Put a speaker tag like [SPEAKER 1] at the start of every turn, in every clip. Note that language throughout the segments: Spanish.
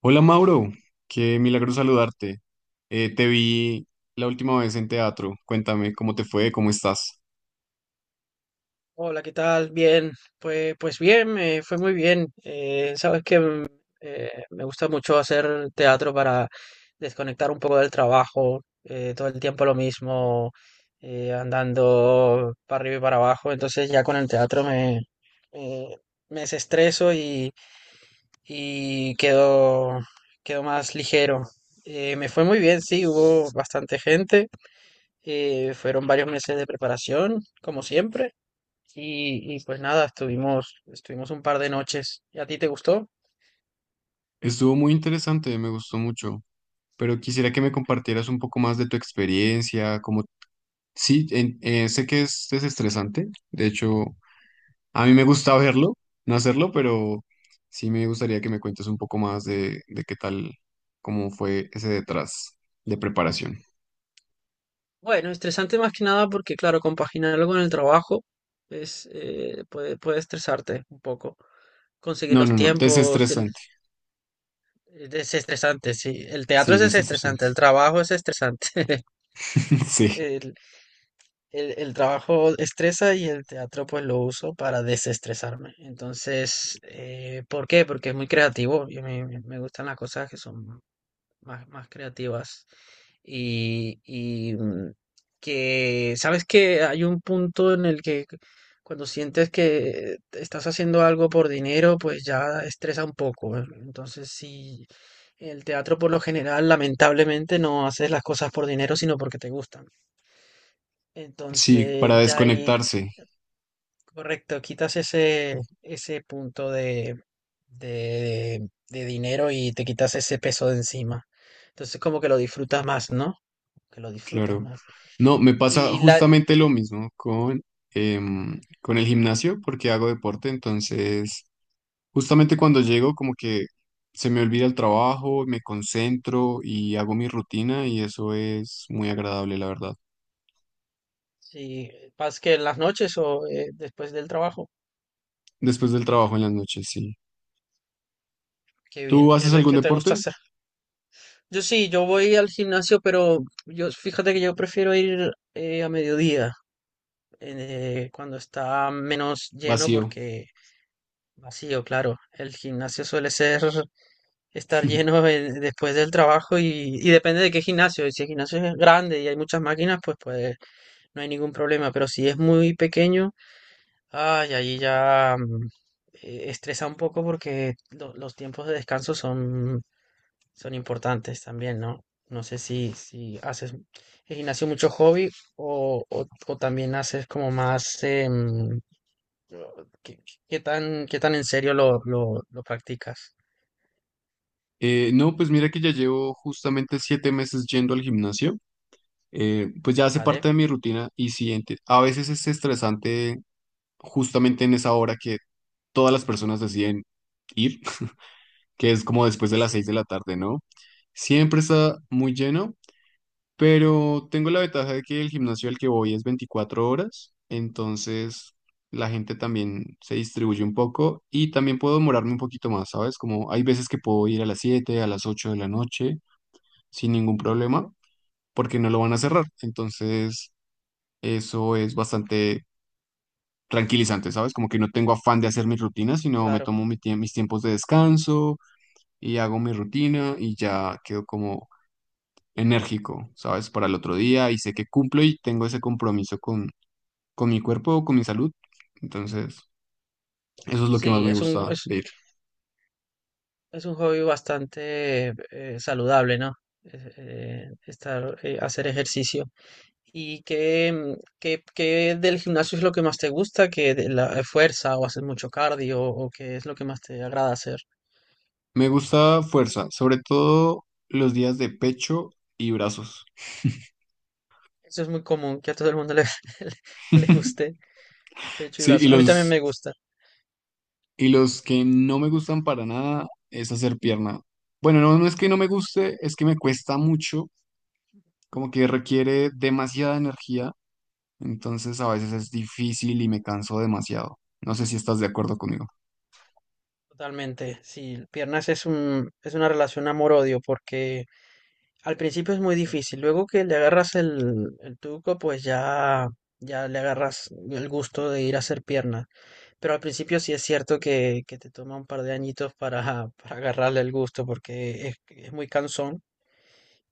[SPEAKER 1] Hola Mauro, qué milagro saludarte. Te vi la última vez en teatro. Cuéntame cómo te fue, cómo estás.
[SPEAKER 2] Hola, ¿qué tal? Bien, pues bien, me fue muy bien. Sabes que me gusta mucho hacer teatro para desconectar un poco del trabajo, todo el tiempo lo mismo, andando para arriba y para abajo. Entonces ya con el teatro me, me desestreso y quedo más ligero. Me fue muy bien, sí, hubo bastante gente, fueron varios meses de preparación, como siempre. Y pues nada, estuvimos un par de noches. ¿Y a ti te gustó?
[SPEAKER 1] Estuvo muy interesante, me gustó mucho, pero quisiera que me compartieras un poco más de tu experiencia, como sí, sé que es desestresante, de hecho, a mí me gusta verlo, no hacerlo, pero sí me gustaría que me cuentes un poco más de qué tal, cómo fue ese detrás de preparación.
[SPEAKER 2] Bueno, estresante más que nada porque, claro, compaginarlo con el trabajo es, puede estresarte un poco. Conseguir
[SPEAKER 1] No,
[SPEAKER 2] los
[SPEAKER 1] no, no,
[SPEAKER 2] tiempos tien-
[SPEAKER 1] desestresante.
[SPEAKER 2] Es estresante, sí. El teatro
[SPEAKER 1] Sí,
[SPEAKER 2] es
[SPEAKER 1] desestresante.
[SPEAKER 2] estresante, el trabajo es estresante.
[SPEAKER 1] Sí.
[SPEAKER 2] El, el trabajo estresa y el teatro pues lo uso para desestresarme. Entonces, ¿por qué? Porque es muy creativo y me gustan las cosas que son más creativas. Y, y, mm, ¿Sabes que hay un punto en el que cuando sientes que estás haciendo algo por dinero, pues ya estresa un poco, ¿eh? Entonces, sí, el teatro por lo general, lamentablemente, no haces las cosas por dinero, sino porque te gustan.
[SPEAKER 1] Sí, para
[SPEAKER 2] Entonces, ya ahí,
[SPEAKER 1] desconectarse,
[SPEAKER 2] correcto, ese punto de dinero, y te quitas ese peso de encima. Entonces, como que lo disfrutas más, ¿no? Que lo disfrutas
[SPEAKER 1] claro.
[SPEAKER 2] más.
[SPEAKER 1] No, me pasa
[SPEAKER 2] Y la,
[SPEAKER 1] justamente lo mismo con el gimnasio porque hago deporte, entonces justamente cuando llego como que se me olvida el trabajo, me concentro y hago mi rutina y eso es muy agradable, la verdad.
[SPEAKER 2] si vas que en las noches o después del trabajo,
[SPEAKER 1] Después del trabajo en las noches, sí.
[SPEAKER 2] qué bien,
[SPEAKER 1] ¿Tú haces algún
[SPEAKER 2] ¿qué te gusta
[SPEAKER 1] deporte?
[SPEAKER 2] hacer? Yo sí, yo voy al gimnasio, pero yo fíjate que yo prefiero ir a mediodía, cuando está menos lleno,
[SPEAKER 1] Vacío.
[SPEAKER 2] porque vacío, claro. El gimnasio suele ser estar lleno después del trabajo, y depende de qué gimnasio. Y si el gimnasio es grande y hay muchas máquinas, pues no hay ningún problema. Pero si es muy pequeño, ay, allí ya estresa un poco porque los tiempos de descanso son importantes también, ¿no? No sé si haces el gimnasio mucho hobby o también haces como más... o- ¿qué, ¿qué tan en serio lo practicas?
[SPEAKER 1] No, pues mira que ya llevo justamente 7 meses yendo al gimnasio. Pues ya hace
[SPEAKER 2] ¿Vale?
[SPEAKER 1] parte de mi rutina y sí, a veces es estresante justamente en esa hora que todas las personas deciden ir, que es como después de las seis
[SPEAKER 2] Sí.
[SPEAKER 1] de la tarde, ¿no? Siempre está muy lleno, pero tengo la ventaja de que el gimnasio al que voy es 24 horas, entonces la gente también se distribuye un poco y también puedo demorarme un poquito más, ¿sabes? Como hay veces que puedo ir a las 7, a las 8 de la noche sin ningún problema,
[SPEAKER 2] Ujú,
[SPEAKER 1] porque no lo van a cerrar, entonces eso es bastante tranquilizante, ¿sabes? Como que no tengo afán de hacer mis rutinas, sino me
[SPEAKER 2] claro.
[SPEAKER 1] tomo mis tiempos de descanso y hago mi rutina y ya quedo como enérgico, ¿sabes? Para el otro día y sé que cumplo y tengo ese compromiso con mi cuerpo, con mi salud. Entonces, eso es lo que más
[SPEAKER 2] Sí,
[SPEAKER 1] me gusta de ir.
[SPEAKER 2] es un hobby bastante saludable, ¿no? Hacer ejercicio. ¿Y qué, qué del gimnasio es lo que más te gusta? ¿Que de la fuerza o haces mucho cardio o qué es lo que más te agrada hacer?
[SPEAKER 1] Me gusta fuerza, sobre todo los días de pecho y brazos.
[SPEAKER 2] Eso es muy común, que a todo el mundo le le guste pecho y
[SPEAKER 1] Sí,
[SPEAKER 2] brazo. A mí también me gusta,
[SPEAKER 1] y los que no me gustan para nada es hacer pierna. Bueno, no, no es que no me guste, es que me cuesta mucho, como que requiere demasiada energía, entonces a veces es difícil y me canso demasiado. No sé si estás de acuerdo conmigo.
[SPEAKER 2] totalmente. Sí, piernas es una relación amor-odio porque al principio es muy difícil. Luego que le agarras el truco, ya le agarras el gusto de ir a hacer piernas. Pero al principio sí es cierto que te toma un par de añitos para agarrarle el gusto porque es muy cansón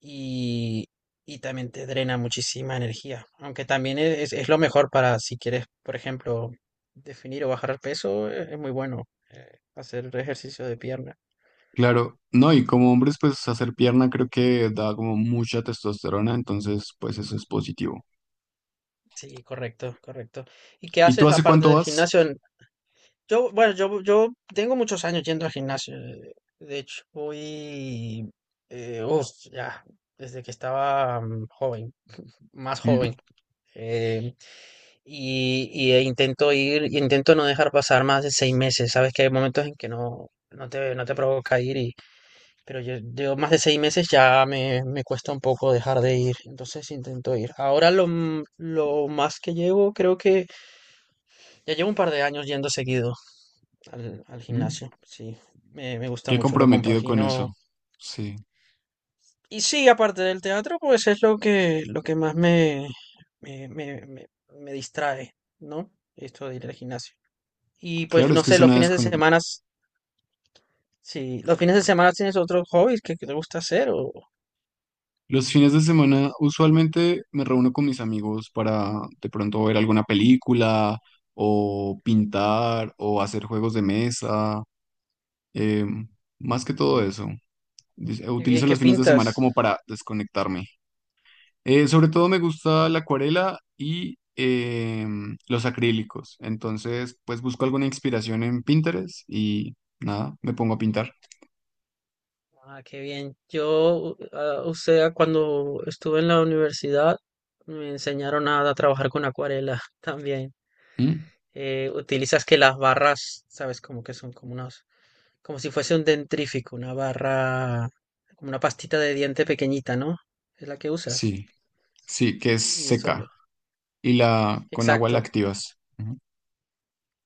[SPEAKER 2] y, y también te drena muchísima energía. Aunque también es lo mejor para si quieres, por ejemplo, definir o bajar peso, es muy bueno hacer ejercicio de pierna.
[SPEAKER 1] Claro, no, y como hombres, pues hacer pierna creo que da como mucha testosterona, entonces pues eso es positivo.
[SPEAKER 2] Sí, correcto, correcto. ¿Y qué
[SPEAKER 1] ¿Y tú
[SPEAKER 2] haces
[SPEAKER 1] hace
[SPEAKER 2] aparte
[SPEAKER 1] cuánto
[SPEAKER 2] del
[SPEAKER 1] vas?
[SPEAKER 2] gimnasio? Yo, bueno, yo tengo muchos años yendo al gimnasio. De hecho, voy, eh, uf, ya, desde que estaba joven. Más
[SPEAKER 1] Mm,
[SPEAKER 2] joven. eh, y, intento ir, intento no dejar pasar más de 6 meses. Sabes que hay momentos en que no te, no te provoca ir, y, pero yo más de 6 meses ya me cuesta un poco dejar de ir. Entonces intento ir. Ahora lo más que llevo, creo que ya llevo un par de años yendo seguido al
[SPEAKER 1] mm.
[SPEAKER 2] gimnasio. Sí, me gusta
[SPEAKER 1] Qué
[SPEAKER 2] mucho, lo
[SPEAKER 1] comprometido con
[SPEAKER 2] compagino.
[SPEAKER 1] eso. Sí,
[SPEAKER 2] Y sí, aparte del teatro, pues es lo que más me distrae, ¿no? Esto de ir al gimnasio. Y pues
[SPEAKER 1] claro, es
[SPEAKER 2] no
[SPEAKER 1] que
[SPEAKER 2] sé,
[SPEAKER 1] es
[SPEAKER 2] los
[SPEAKER 1] una
[SPEAKER 2] fines de
[SPEAKER 1] desconexión.
[SPEAKER 2] semana, si los fines de semana tienes otros hobbies que te gusta hacer o
[SPEAKER 1] Los fines de semana usualmente me reúno con mis amigos para de pronto ver alguna película o pintar o hacer juegos de mesa. Eh, Más que todo eso,
[SPEAKER 2] qué bien,
[SPEAKER 1] utilizo
[SPEAKER 2] qué
[SPEAKER 1] los fines de
[SPEAKER 2] pintas.
[SPEAKER 1] semana como para desconectarme. Sobre todo me gusta la acuarela y los acrílicos. Entonces, pues busco alguna inspiración en Pinterest y nada, me pongo a pintar.
[SPEAKER 2] Ah, qué bien. Yo, ah, o sea, cuando estuve en la universidad, me enseñaron a trabajar con acuarela también.
[SPEAKER 1] Mm.
[SPEAKER 2] Utilizas que las barras, sabes, como que son como unos como si fuese un dentrífico, una barra, como una pastita de diente pequeñita, ¿no? Es la que usas.
[SPEAKER 1] Sí, sí, que es
[SPEAKER 2] Y
[SPEAKER 1] seca
[SPEAKER 2] solo.
[SPEAKER 1] y la con agua la
[SPEAKER 2] Exacto,
[SPEAKER 1] activas. Ujú.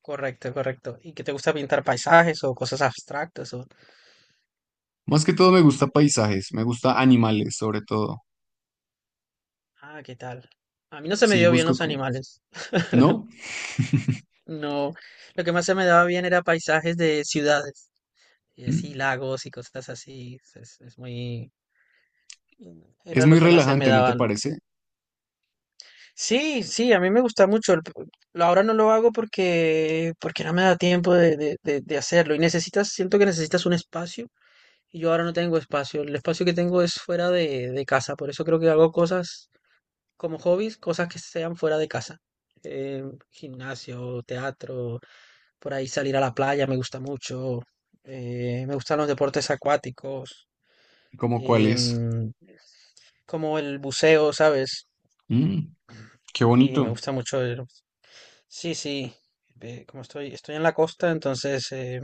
[SPEAKER 2] correcto, correcto. ¿Y que te gusta pintar paisajes o cosas abstractas? O...
[SPEAKER 1] Más que todo me gusta paisajes, me gusta animales sobre todo.
[SPEAKER 2] Ah, ¿qué tal? A mí no se me
[SPEAKER 1] Sí,
[SPEAKER 2] dio bien
[SPEAKER 1] busco
[SPEAKER 2] los
[SPEAKER 1] co-
[SPEAKER 2] animales.
[SPEAKER 1] ¿No?
[SPEAKER 2] No, lo que más se me daba bien era paisajes de ciudades. Y así
[SPEAKER 1] Mm.
[SPEAKER 2] lagos y cosas así. Es muy...
[SPEAKER 1] Es
[SPEAKER 2] Era lo
[SPEAKER 1] muy
[SPEAKER 2] que más se me
[SPEAKER 1] relajante, ¿no te
[SPEAKER 2] daba.
[SPEAKER 1] parece?
[SPEAKER 2] Sí, sí, a mí me gusta mucho. Ahora no lo hago porque, porque no me da tiempo de hacerlo. Y necesitas, siento que necesitas un espacio. Y yo ahora no tengo espacio. El espacio que tengo es fuera de casa. Por eso creo que hago cosas como hobbies, cosas que sean fuera de casa. Eh, Gimnasio, teatro, por ahí salir a la playa me gusta mucho. Me gustan los deportes acuáticos,
[SPEAKER 1] ¿Como cuál es?
[SPEAKER 2] em, como el buceo, ¿sabes?
[SPEAKER 1] Mm, qué
[SPEAKER 2] Y me
[SPEAKER 1] bonito.
[SPEAKER 2] gusta mucho. Sí, sí. Como estoy, estoy en la costa, entonces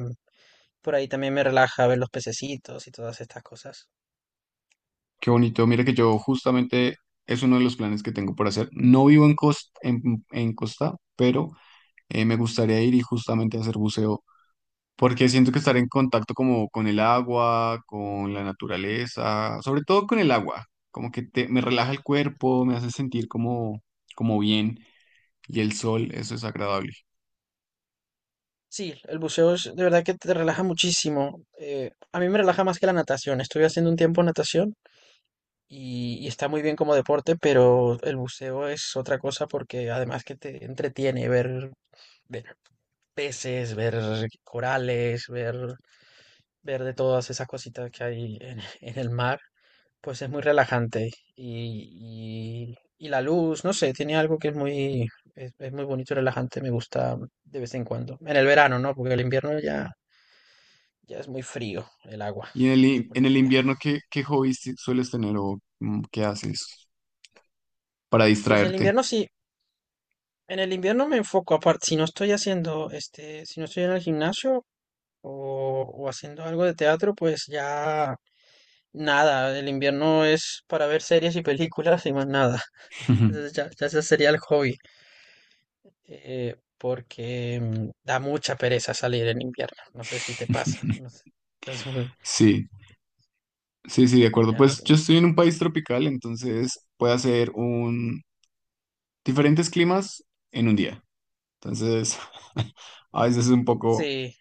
[SPEAKER 2] por ahí también me relaja ver los pececitos y todas estas cosas.
[SPEAKER 1] Qué bonito. Mira que yo justamente es uno de los planes que tengo por hacer. No vivo en Costa, en Costa, pero me gustaría ir y justamente hacer buceo, porque siento que estar en contacto como con el agua, con la naturaleza, sobre todo con el agua, como que te, me relaja el cuerpo, me hace sentir como, como bien y el sol, eso es agradable.
[SPEAKER 2] Sí, el buceo es de verdad que te relaja muchísimo. A mí me relaja más que la natación. Estuve haciendo un tiempo natación y está muy bien como deporte, pero el buceo es otra cosa porque además que te entretiene ver peces, ver corales, ver de todas esas cositas que hay en el mar. Pues es muy relajante y la luz, no sé, tiene algo que es muy, es muy bonito y relajante, me gusta de vez en cuando. En el verano, ¿no? Porque el invierno ya, ya es muy frío, el agua
[SPEAKER 1] Y en
[SPEAKER 2] se
[SPEAKER 1] en
[SPEAKER 2] pone
[SPEAKER 1] el
[SPEAKER 2] fría.
[SPEAKER 1] invierno, ¿ qué hobbies sueles tener o qué haces para
[SPEAKER 2] Pues el
[SPEAKER 1] distraerte?
[SPEAKER 2] invierno sí, en el invierno me enfoco aparte, si no estoy haciendo, este, si no estoy en el gimnasio o, o haciendo algo de teatro, pues ya nada, el invierno es para ver series y películas y más nada. Entonces ya, ya ese sería el hobby. Da mucha pereza salir en invierno. No sé si te pasa. No sé. Entonces, muy-
[SPEAKER 1] Sí. Sí, sí, de acuerdo.
[SPEAKER 2] ya no.
[SPEAKER 1] Pues yo estoy en un país tropical, entonces puedo hacer un diferentes climas en un día. Entonces, a veces es un poco
[SPEAKER 2] Sí,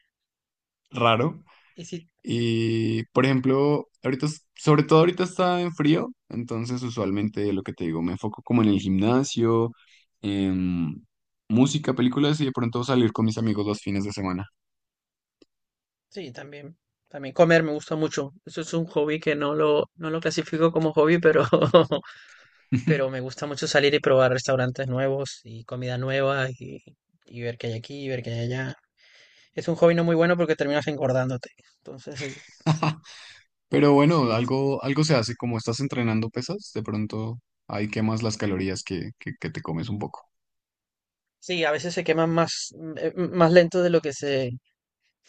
[SPEAKER 1] raro.
[SPEAKER 2] y sí,
[SPEAKER 1] Y, por ejemplo, ahorita, sobre todo ahorita está en frío, entonces usualmente lo que te digo, me enfoco como en el gimnasio, en música, películas y de pronto salir con mis amigos los fines de semana.
[SPEAKER 2] sí, también. También comer me gusta mucho. Eso es un hobby que no lo clasifico como hobby, pero, pero me gusta mucho salir y probar restaurantes nuevos y comida nueva y ver qué hay aquí y ver qué hay allá. Es un hobby no muy bueno porque terminas engordándote. Entonces,
[SPEAKER 1] Pero bueno,
[SPEAKER 2] sí,
[SPEAKER 1] algo, algo se hace, como estás entrenando pesas, de pronto ahí quemas las calorías que te comes un poco.
[SPEAKER 2] sí, a veces se queman más, más lento de lo que se,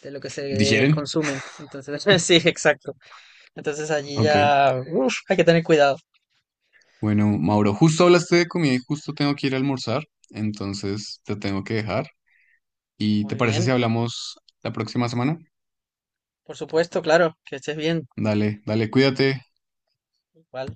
[SPEAKER 2] de lo que se
[SPEAKER 1] ¿Digieren?
[SPEAKER 2] consumen. Entonces, sí, exacto. Entonces allí
[SPEAKER 1] Ok.
[SPEAKER 2] ya, uf, hay que tener cuidado.
[SPEAKER 1] Bueno, Mauro, justo hablaste de comida y justo tengo que ir a almorzar, entonces te tengo que dejar. ¿Y te
[SPEAKER 2] Muy
[SPEAKER 1] parece si
[SPEAKER 2] bien,
[SPEAKER 1] hablamos la próxima semana?
[SPEAKER 2] por supuesto, claro, que estés bien.
[SPEAKER 1] Dale, dale, cuídate.
[SPEAKER 2] Igual.